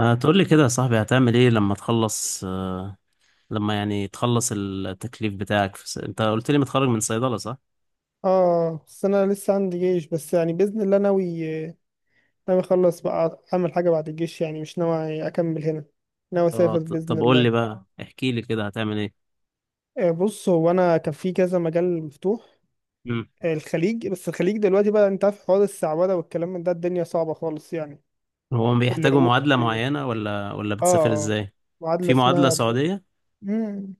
تقول لي كده يا صاحبي، هتعمل ايه لما تخلص لما يعني تخلص التكليف بتاعك انت قلت لي متخرج من صيدلة صح؟ اه، بس انا لسه عندي جيش، بس يعني باذن الله ناوي اخلص بقى اعمل حاجه بعد الجيش، يعني مش ناوي اكمل هنا، ناوي اسافر باذن طب قول لي الله. بقى، احكي لي كده هتعمل ايه؟ بص، هو انا كان في كذا مجال مفتوح. مم. الخليج، بس الخليج دلوقتي بقى، انت عارف حوار السعوده والكلام من ده، الدنيا صعبه خالص يعني. هو بيحتاجوا العقود. معادلة معينة ولا اه، بتسافر اه، ازاي؟ معادله في معادلة اسمها. سعودية؟ مم.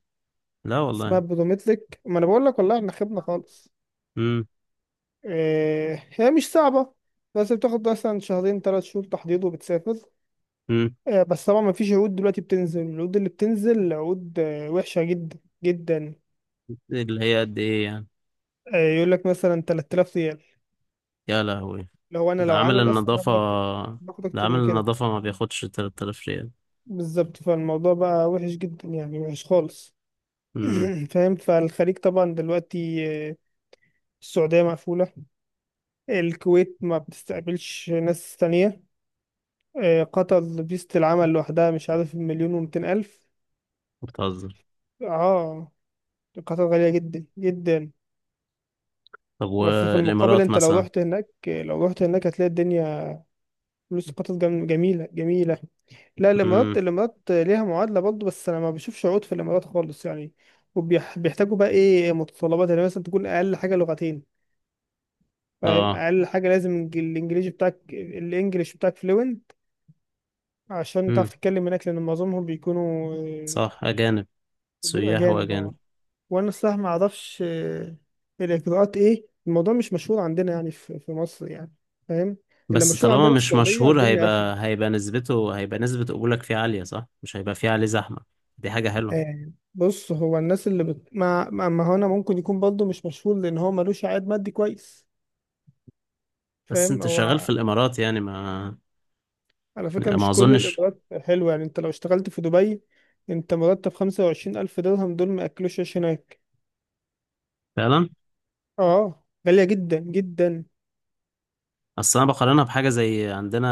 لا اسمها والله. برومتريك، ما انا بقول لك والله احنا خيبنا خالص. امم. هي مش صعبه، بس بتاخد مثلا شهرين 3 شهور تحضير وبتسافر. امم. بس طبعا مفيش عقود دلوقتي بتنزل. العقود اللي بتنزل عقود وحشة جدا جدا. اللي هي قد ايه يعني؟ يقول لك مثلا 3000 ريال. يا لهوي. لو انا ده لو عامل عامل اصلا النظافة. باخد اكتر، باخد ده اكتر عامل من كده. النظافة ما بياخدش 3000 ريال. بالظبط، فالموضوع بقى وحش جدا يعني، وحش خالص. امم. فاهم. فالخليج طبعا دلوقتي، السعودية مقفولة. الكويت ما بتستقبلش ناس تانية. قطر فيزة العمل لوحدها مش عارف مليون ومتين ألف. بتهزر. اه، قطر غالية جدا جدا. طب بس في المقابل والامارات انت لو مثلا؟ رحت هناك، لو رحت هناك هتلاقي الدنيا. فلوس قطر جميلة جميلة. لا، الإمارات امم. الإمارات ليها معادلة برضه، بس أنا ما بشوفش عقود في الإمارات خالص يعني. وبيحتاجوا بقى إيه متطلبات، يعني مثلا تكون أقل حاجة لغتين. فاهم؟ اه. أقل حاجة لازم الإنجليزي بتاعك الإنجليش بتاعك فلوينت. عشان تعرف امم. تتكلم هناك، لأن معظمهم بيكونوا صح، أجانب. سياح أجانب. وأجانب. وانا الصراحه ما اعرفش الاجراءات ايه. الموضوع مش مشهور عندنا يعني، في مصر يعني. فاهم؟ اللي بس مشهور طالما عندنا في مش السعوديه، مشهور، والدنيا قافله. هيبقى نسبته، هيبقى نسبة قبولك فيه عالية صح؟ مش هيبقى فيه عليه زحمة. دي حاجة حلوة. بص، هو الناس ما هو انا، ممكن يكون برضه مش مشهور لان هو ملوش عائد مادي كويس. بس فاهم؟ أنت شغال في هو. الإمارات يعني، ما على فكره ما مش كل أظنش. الاجراءات حلوه يعني، انت لو اشتغلت في دبي، انت مرتب 25000 الف درهم، دول ما ياكلوش عيش هناك. فعلا. اه، غاليه جدا جدا. أصل أنا بقارنها بحاجة زي عندنا،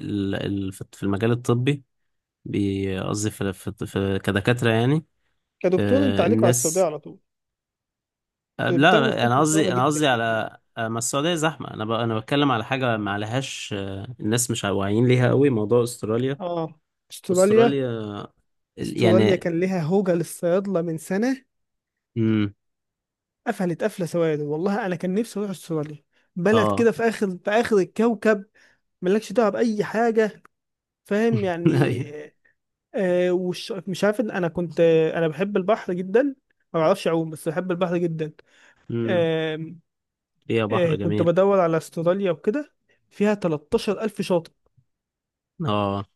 في المجال الطبي، قصدي في كدكاترة يعني. كدكتور، انت عليكوا على السعوديه الناس. على طول، بتاخدوا لا، فلوس أنا محترمه قصدي أنا جدا قصدي جدا. على، ما السعودية زحمة، أنا بتكلم على حاجة ما عليهاش الناس مش واعيين ليها قوي، موضوع أستراليا. اه. استراليا أستراليا استراليا يعني. كان ليها هوجة للصيادلة من سنة. امم. قفلت قفلة سواد. والله أنا كان نفسي أروح استراليا. بلد اه. كده في آخر، الكوكب ملكش دعوة بأي حاجة. فاهم يعني. ايوه. وش مش عارف إن أنا كنت، أنا بحب البحر جدا. ما بعرفش أعوم، بس بحب البحر جدا. امم. آه فيها بحر كنت جميل. بدور على استراليا وكده. فيها 13000 شاطئ. اه.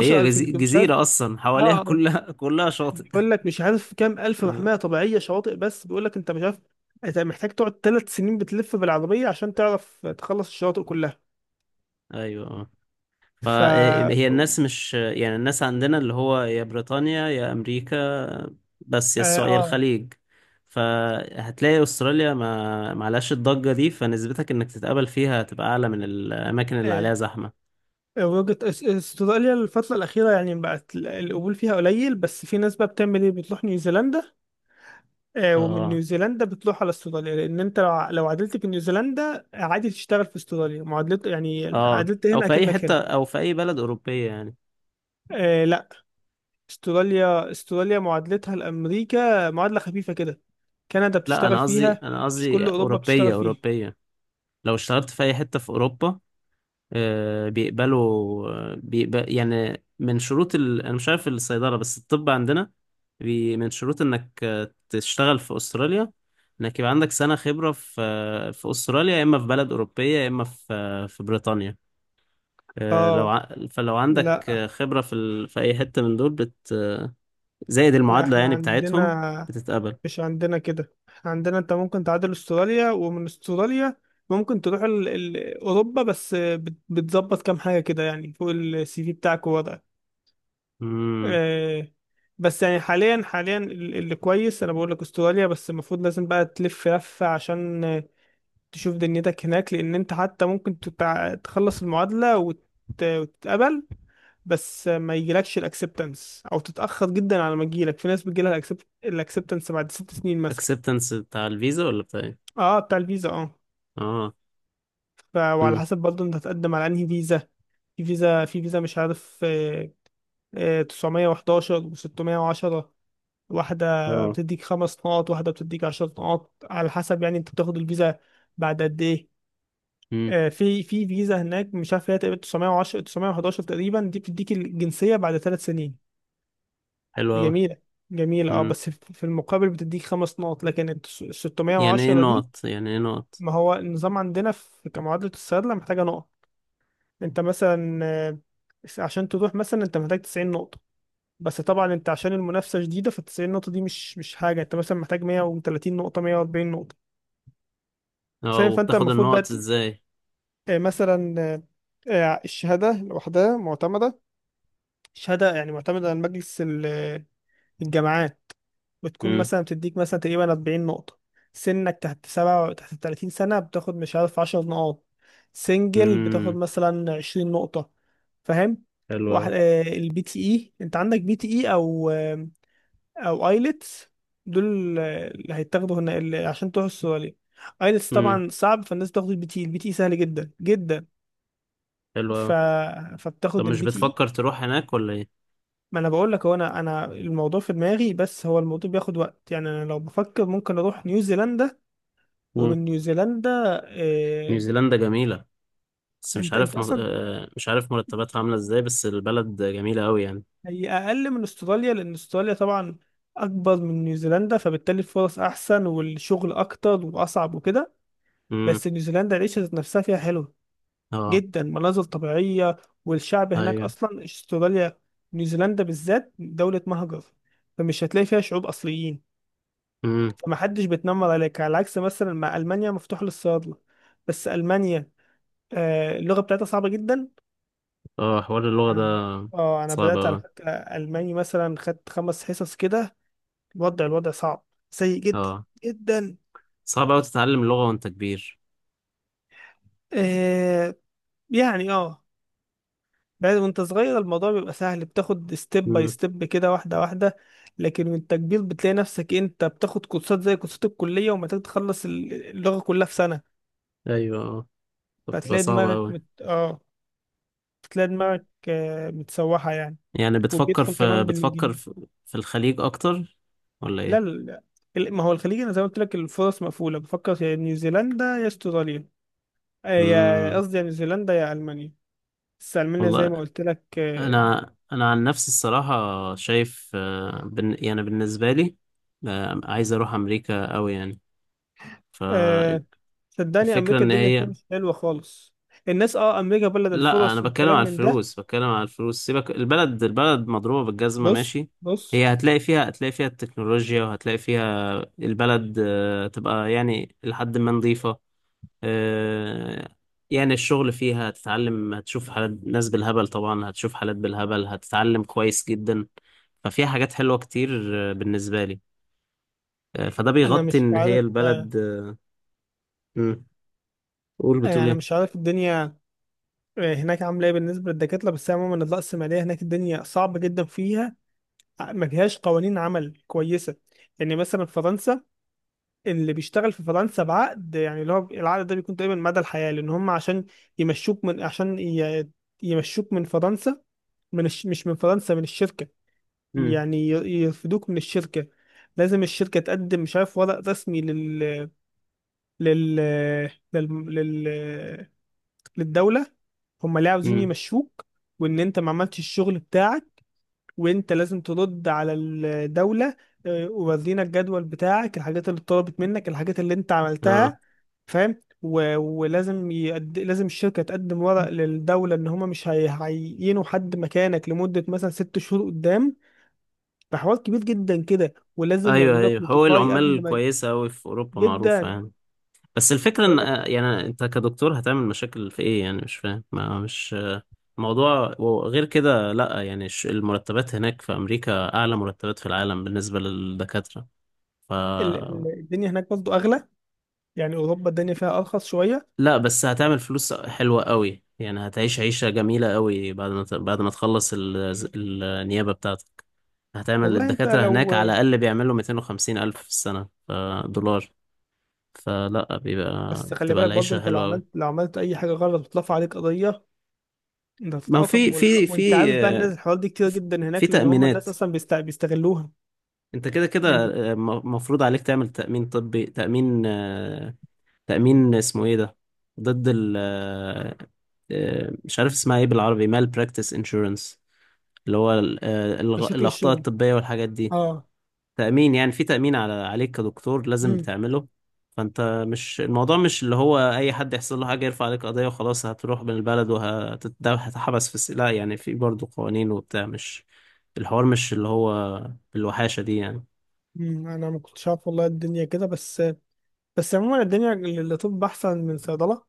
هي مش عارف. جزيرة أصلا اه. حواليها كلها كلها شاطئ. بيقول لك مش عارف كام الف آه. محميه طبيعيه شواطئ. بس بيقول لك انت مش عارف. انت محتاج تقعد 3 سنين بتلف بالعربيه عشان تعرف تخلص الشواطئ كلها. أيوه اه. ف اه فهي، الناس مش يعني، الناس عندنا اللي هو يا بريطانيا يا أمريكا، بس يا السعودية اه الخليج. فهتلاقي أستراليا ما معلهاش الضجة دي، فنسبتك إنك تتقبل فيها هتبقى أعلى من الأماكن اللي آه. عليها زحمة. وجهة استراليا الفترة الأخيرة يعني بقت القبول فيها قليل. بس في ناس بقى بتعمل إيه؟ بتروح نيوزيلندا. ومن اه. نيوزيلندا بتروح على استراليا، لأن أنت لو عدلت في نيوزيلندا عادي تشتغل في استراليا، معادلة يعني اه، عدلت أو هنا في أي أكنك هنا. حتة، أو في أي بلد أوروبية يعني. لا، استراليا معادلتها لأمريكا معادلة خفيفة كده. كندا لا، بتشتغل انا قصدي فيها، انا مش قصدي كل أوروبا اوروبيه بتشتغل فيها. اوروبيه. لو اشتغلت في اي حته في اوروبا، بيقبل يعني. من شروط انا مش عارف الصيدله، بس الطب عندنا، من شروط انك تشتغل في استراليا، انك يبقى عندك سنه خبره في في استراليا، يا اما في بلد اوروبيه، يا اما في بريطانيا. اه. فلو عندك لا، خبره في في اي حته من دول زائد لا، المعادله احنا يعني بتاعتهم، عندنا. بتتقبل. مش عندنا كده، احنا عندنا انت ممكن تعادل استراليا، ومن استراليا ممكن تروح أوروبا. بس بتظبط كام حاجة كده يعني، فوق السي في بتاعك ووضعك. امم. آه بس يعني، حاليا اللي كويس انا بقول لك استراليا. بس المفروض لازم بقى تلف لفة عشان تشوف دنيتك هناك، لان انت حتى ممكن تخلص المعادلة وتتقبل. بس ما يجيلكش الاكسبتنس، او تتأخر جدا على ما تجيلك. في ناس بتجيلها الاكسبتنس بعد 6 سنين مثلا. اكسبتنس بتاع الفيزا ولا بتاع إيه؟ اه، بتاع الفيزا، اه. اه. وعلى امم. حسب برضه انت هتقدم على انهي فيزا. في فيزا مش عارف، 911 و610. واحدة اه. بتديك 5 نقط، واحدة بتديك 10 نقط، على حسب يعني انت بتاخد الفيزا بعد قد ايه. امم. في فيزا هناك مش عارف، هي تقريبا 910 911 تقريبا. دي بتديك الجنسية بعد 3 سنين. حلو دي أوي. جميلة. جميلة اه. امم. بس في المقابل بتديك 5 نقط، لكن ال يعني ايه 610 دي. نقط، يعني ايه نقط؟ ما هو النظام عندنا في كمعادلة الصيادلة محتاجة نقط. انت مثلا عشان تروح مثلا، انت محتاج 90 نقطة. بس طبعا انت عشان المنافسة شديدة، ف 90 نقطة دي مش حاجة. انت مثلا محتاج 130 نقطة، 140 نقطة. اه، فاهم؟ فانت وبتاخد المفروض بقى النقط ازاي؟ مثلا، الشهادة لوحدها معتمدة. شهادة يعني معتمدة على مجلس الجامعات. بتكون امم. مثلا بتديك مثلا تقريبا 40 نقطة. سنك تحت سبعة، تحت 30 سنة، بتاخد مش عارف 10 نقاط. سنجل بتاخد امم. مثلا 20 نقطة. فاهم؟ حلو أوي. واحد البي تي اي، انت عندك بي تي اي او ايلتس. دول اللي هيتاخدوا هنا اللي عشان تروح السعودية. ايلتس امم. طبعا صعب، فالناس بتاخد البي تي اي. البي تي اي سهل جدا جدا. حلو ف... أوي. طب فبتاخد مش البي تي. بتفكر تروح هناك ولا ايه؟ ما انا بقول لك، هو انا الموضوع في دماغي، بس هو الموضوع بياخد وقت يعني. انا لو بفكر ممكن اروح نيوزيلندا. مم. ومن نيوزيلندا، إيه. نيوزيلندا جميلة، بس مش انت عارف انت اصلا، مش عارف مرتباتها عاملة ازاي، بس البلد جميلة أوي يعني. هي اقل من استراليا لان استراليا طبعا اكبر من نيوزيلندا، فبالتالي الفرص احسن والشغل اكتر واصعب وكده. امم. بس نيوزيلندا العيشة ذات نفسها فيها حلوة اه. جدا، مناظر طبيعية. والشعب هناك ايوه. اصلا، استراليا، نيوزيلندا بالذات دولة مهجر. فمش هتلاقي فيها شعوب اصليين، امم. فما حدش بيتنمر عليك. على عكس مثلا، مع ألمانيا مفتوح للصيادلة. بس ألمانيا اللغة بتاعتها صعبة جدا. اه، حوار اللغة ده أنا، اه أنا صعب بدأت على أوي. فكرة ألماني مثلا، خدت 5 حصص كده. الوضع صعب، سيء جدا اه، جدا. صعب أوي تتعلم اللغة وأنت كبير. آه يعني اه. بعد، وانت صغير الموضوع بيبقى سهل، بتاخد ستيب باي امم. ستيب كده، واحدة واحدة. لكن وانت كبير بتلاقي نفسك انت بتاخد كورسات زي كورسات الكلية، ومحتاج تخلص اللغة كلها في سنة. ايوه اه، فبتبقى فتلاقي صعبة دماغك أوي. مت... اه تلاقي دماغك متسوحة يعني. يعني وبيدخل كمان بالإنجليزي. في الخليج اكتر ولا لا، لا، ايه؟ لا. ما هو الخليج أنا زي ما قلت لك الفرص مقفولة. بفكر يا نيوزيلندا يا استراليا. يا امم. قصدي، يا نيوزيلندا يا ألمانيا. بس ألمانيا زي ما والله، قلت لك. انا عن نفسي الصراحة، شايف آه، بن يعني بالنسبة لي، عايز اروح امريكا قوي يعني. آه، فالفكرة صدقني أمريكا ان الدنيا فيها هي، مش حلوة خالص. الناس، أمريكا بلد لا، انا الفرص بتكلم والكلام على من ده. الفلوس، بتكلم على الفلوس، سيبك، البلد، البلد مضروبة بالجزمة بص ماشي. بص هي هتلاقي فيها التكنولوجيا، وهتلاقي فيها البلد تبقى يعني لحد ما نظيفة. آه، يعني الشغل فيها هتتعلم، هتشوف حالات ناس بالهبل، طبعا هتشوف حالات بالهبل هتتعلم كويس جدا، ففيها حاجات حلوة كتير بالنسبة لي. فده أنا بيغطي مش ان هي عارف البلد مم. قول، يعني بتقول أنا ايه؟ مش عارف الدنيا هناك عاملة إيه بالنسبة للدكاترة. بس عموما الرأسمالية هناك الدنيا صعبة جدا فيها، ما فيهاش قوانين عمل كويسه. يعني مثلا في فرنسا، اللي بيشتغل في فرنسا بعقد يعني، اللي هو العقد ده بيكون تقريبا مدى الحياه. لان هم عشان يمشوك من عشان ي- يمشوك من فرنسا، مش من فرنسا، من الشركه. مم. يعني يرفدوك من الشركه، لازم الشركه تقدم مش عارف ورق رسمي لل لل, لل... للدوله. هم ليه عاوزين مم. يمشوك، وان انت ما عملتش الشغل بتاعك. وانت لازم ترد على الدولة، ورينا الجدول بتاعك، الحاجات اللي اتطلبت منك، الحاجات اللي انت اه، عملتها. فاهم. و- ولازم لازم الشركة تقدم ورق للدولة ان هما مش هيعينوا حد مكانك لمدة مثلا 6 شهور قدام. فحوار كبير جدا كده، ولازم ايوه يعملوا لك ايوه، هو نوتيفاي قبل العمال ما. كويسة اوي في اوروبا معروفة جدا. يعني. بس الفكرة ان بقول لك، آه،، يعني انت كدكتور هتعمل مشاكل في ايه يعني، مش فاهم، ما مش موضوع، وغير كده لا يعني، المرتبات هناك في امريكا اعلى مرتبات في العالم بالنسبة للدكاترة، ف، الدنيا هناك برضه اغلى يعني. اوروبا الدنيا فيها ارخص شوية. لا بس هتعمل فلوس حلوة قوي يعني، هتعيش عيشة جميلة قوي بعد ما بعد ما تخلص النيابة بتاعتك. هتعمل والله انت الدكاترة هناك لو. على الأقل بيعملوا 250 ألف في السنة، دولار، فلا بس خلي بتبقى بالك برضه، العيشة انت لو حلوة قوي. عملت لو عملت اي حاجة غلط بترفع عليك قضية. ده ما هو في تتقطم في وانت في عارف بقى، الناس الحوار دي كتير جدا في هناك، لان هم تأمينات. الناس اصلا بيستغلوها انت كده كده، يعني مفروض عليك تعمل تأمين طبي، تأمين آه،، تأمين اسمه ايه ده، ضد ال مش عارف اسمها ايه بالعربي، مال براكتس انشورنس، اللي هو بشكل الأخطاء الشغل. الطبية والحاجات دي. اه. تأمين يعني، في تأمين عليك كدكتور لازم مم. بتعمله. فأنت مش، الموضوع مش اللي هو أي حد يحصل له حاجة يرفع عليك قضية وخلاص هتروح من البلد وهتتحبس لا يعني، في برضه قوانين وبتاع، مش الحوار مش اللي هو بالوحاشة دي يعني. مم. انا ما كنتش عارف والله الدنيا كده. بس عموما الدنيا للطب احسن من صيدله.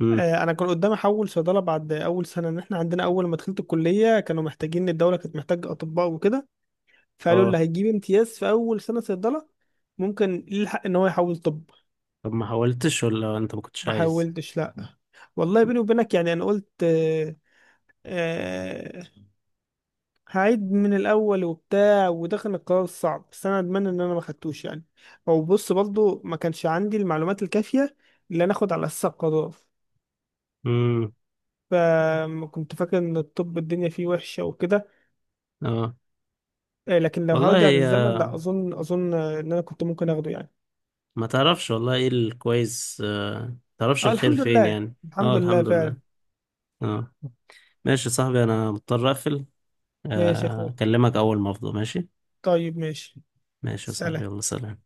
امم. انا كان قدامي احول صيدله بعد اول سنه. ان احنا عندنا اول ما دخلت الكليه كانوا محتاجين، الدوله كانت محتاجه اطباء وكده. فقالوا اه. اللي هيجيب امتياز في اول سنه صيدله ممكن يلحق ان هو يحول طب. طب ما حاولتش ولا أنت ما كنتش ما عايز؟ حولتش، لا. والله بيني وبينك يعني، انا قلت، آه، هعيد من الاول وبتاع. وده كان القرار الصعب، بس انا اتمنى ان انا ما خدتوش يعني. او بص، برضو ما كانش عندي المعلومات الكافيه اللي انا اخد على اساسها القرار. امم. فكنت فاكر ان الطب الدنيا فيه وحشه وكده. اه. لكن لو والله هرجع هي، بالزمن، لا اظن ان انا كنت ممكن اخده يعني. ما تعرفش والله ايه الكويس، ما تعرفش اه، الخير الحمد فين لله. يعني. اه الحمد لله الحمد لله. فعلا. اه. ماشي يا صاحبي، أنا مضطر أقفل. ماشي يا اخوي، اكلمك اول ما افضى ماشي. طيب ماشي، ماشي يا صاحبي، سلام. يلا سلام.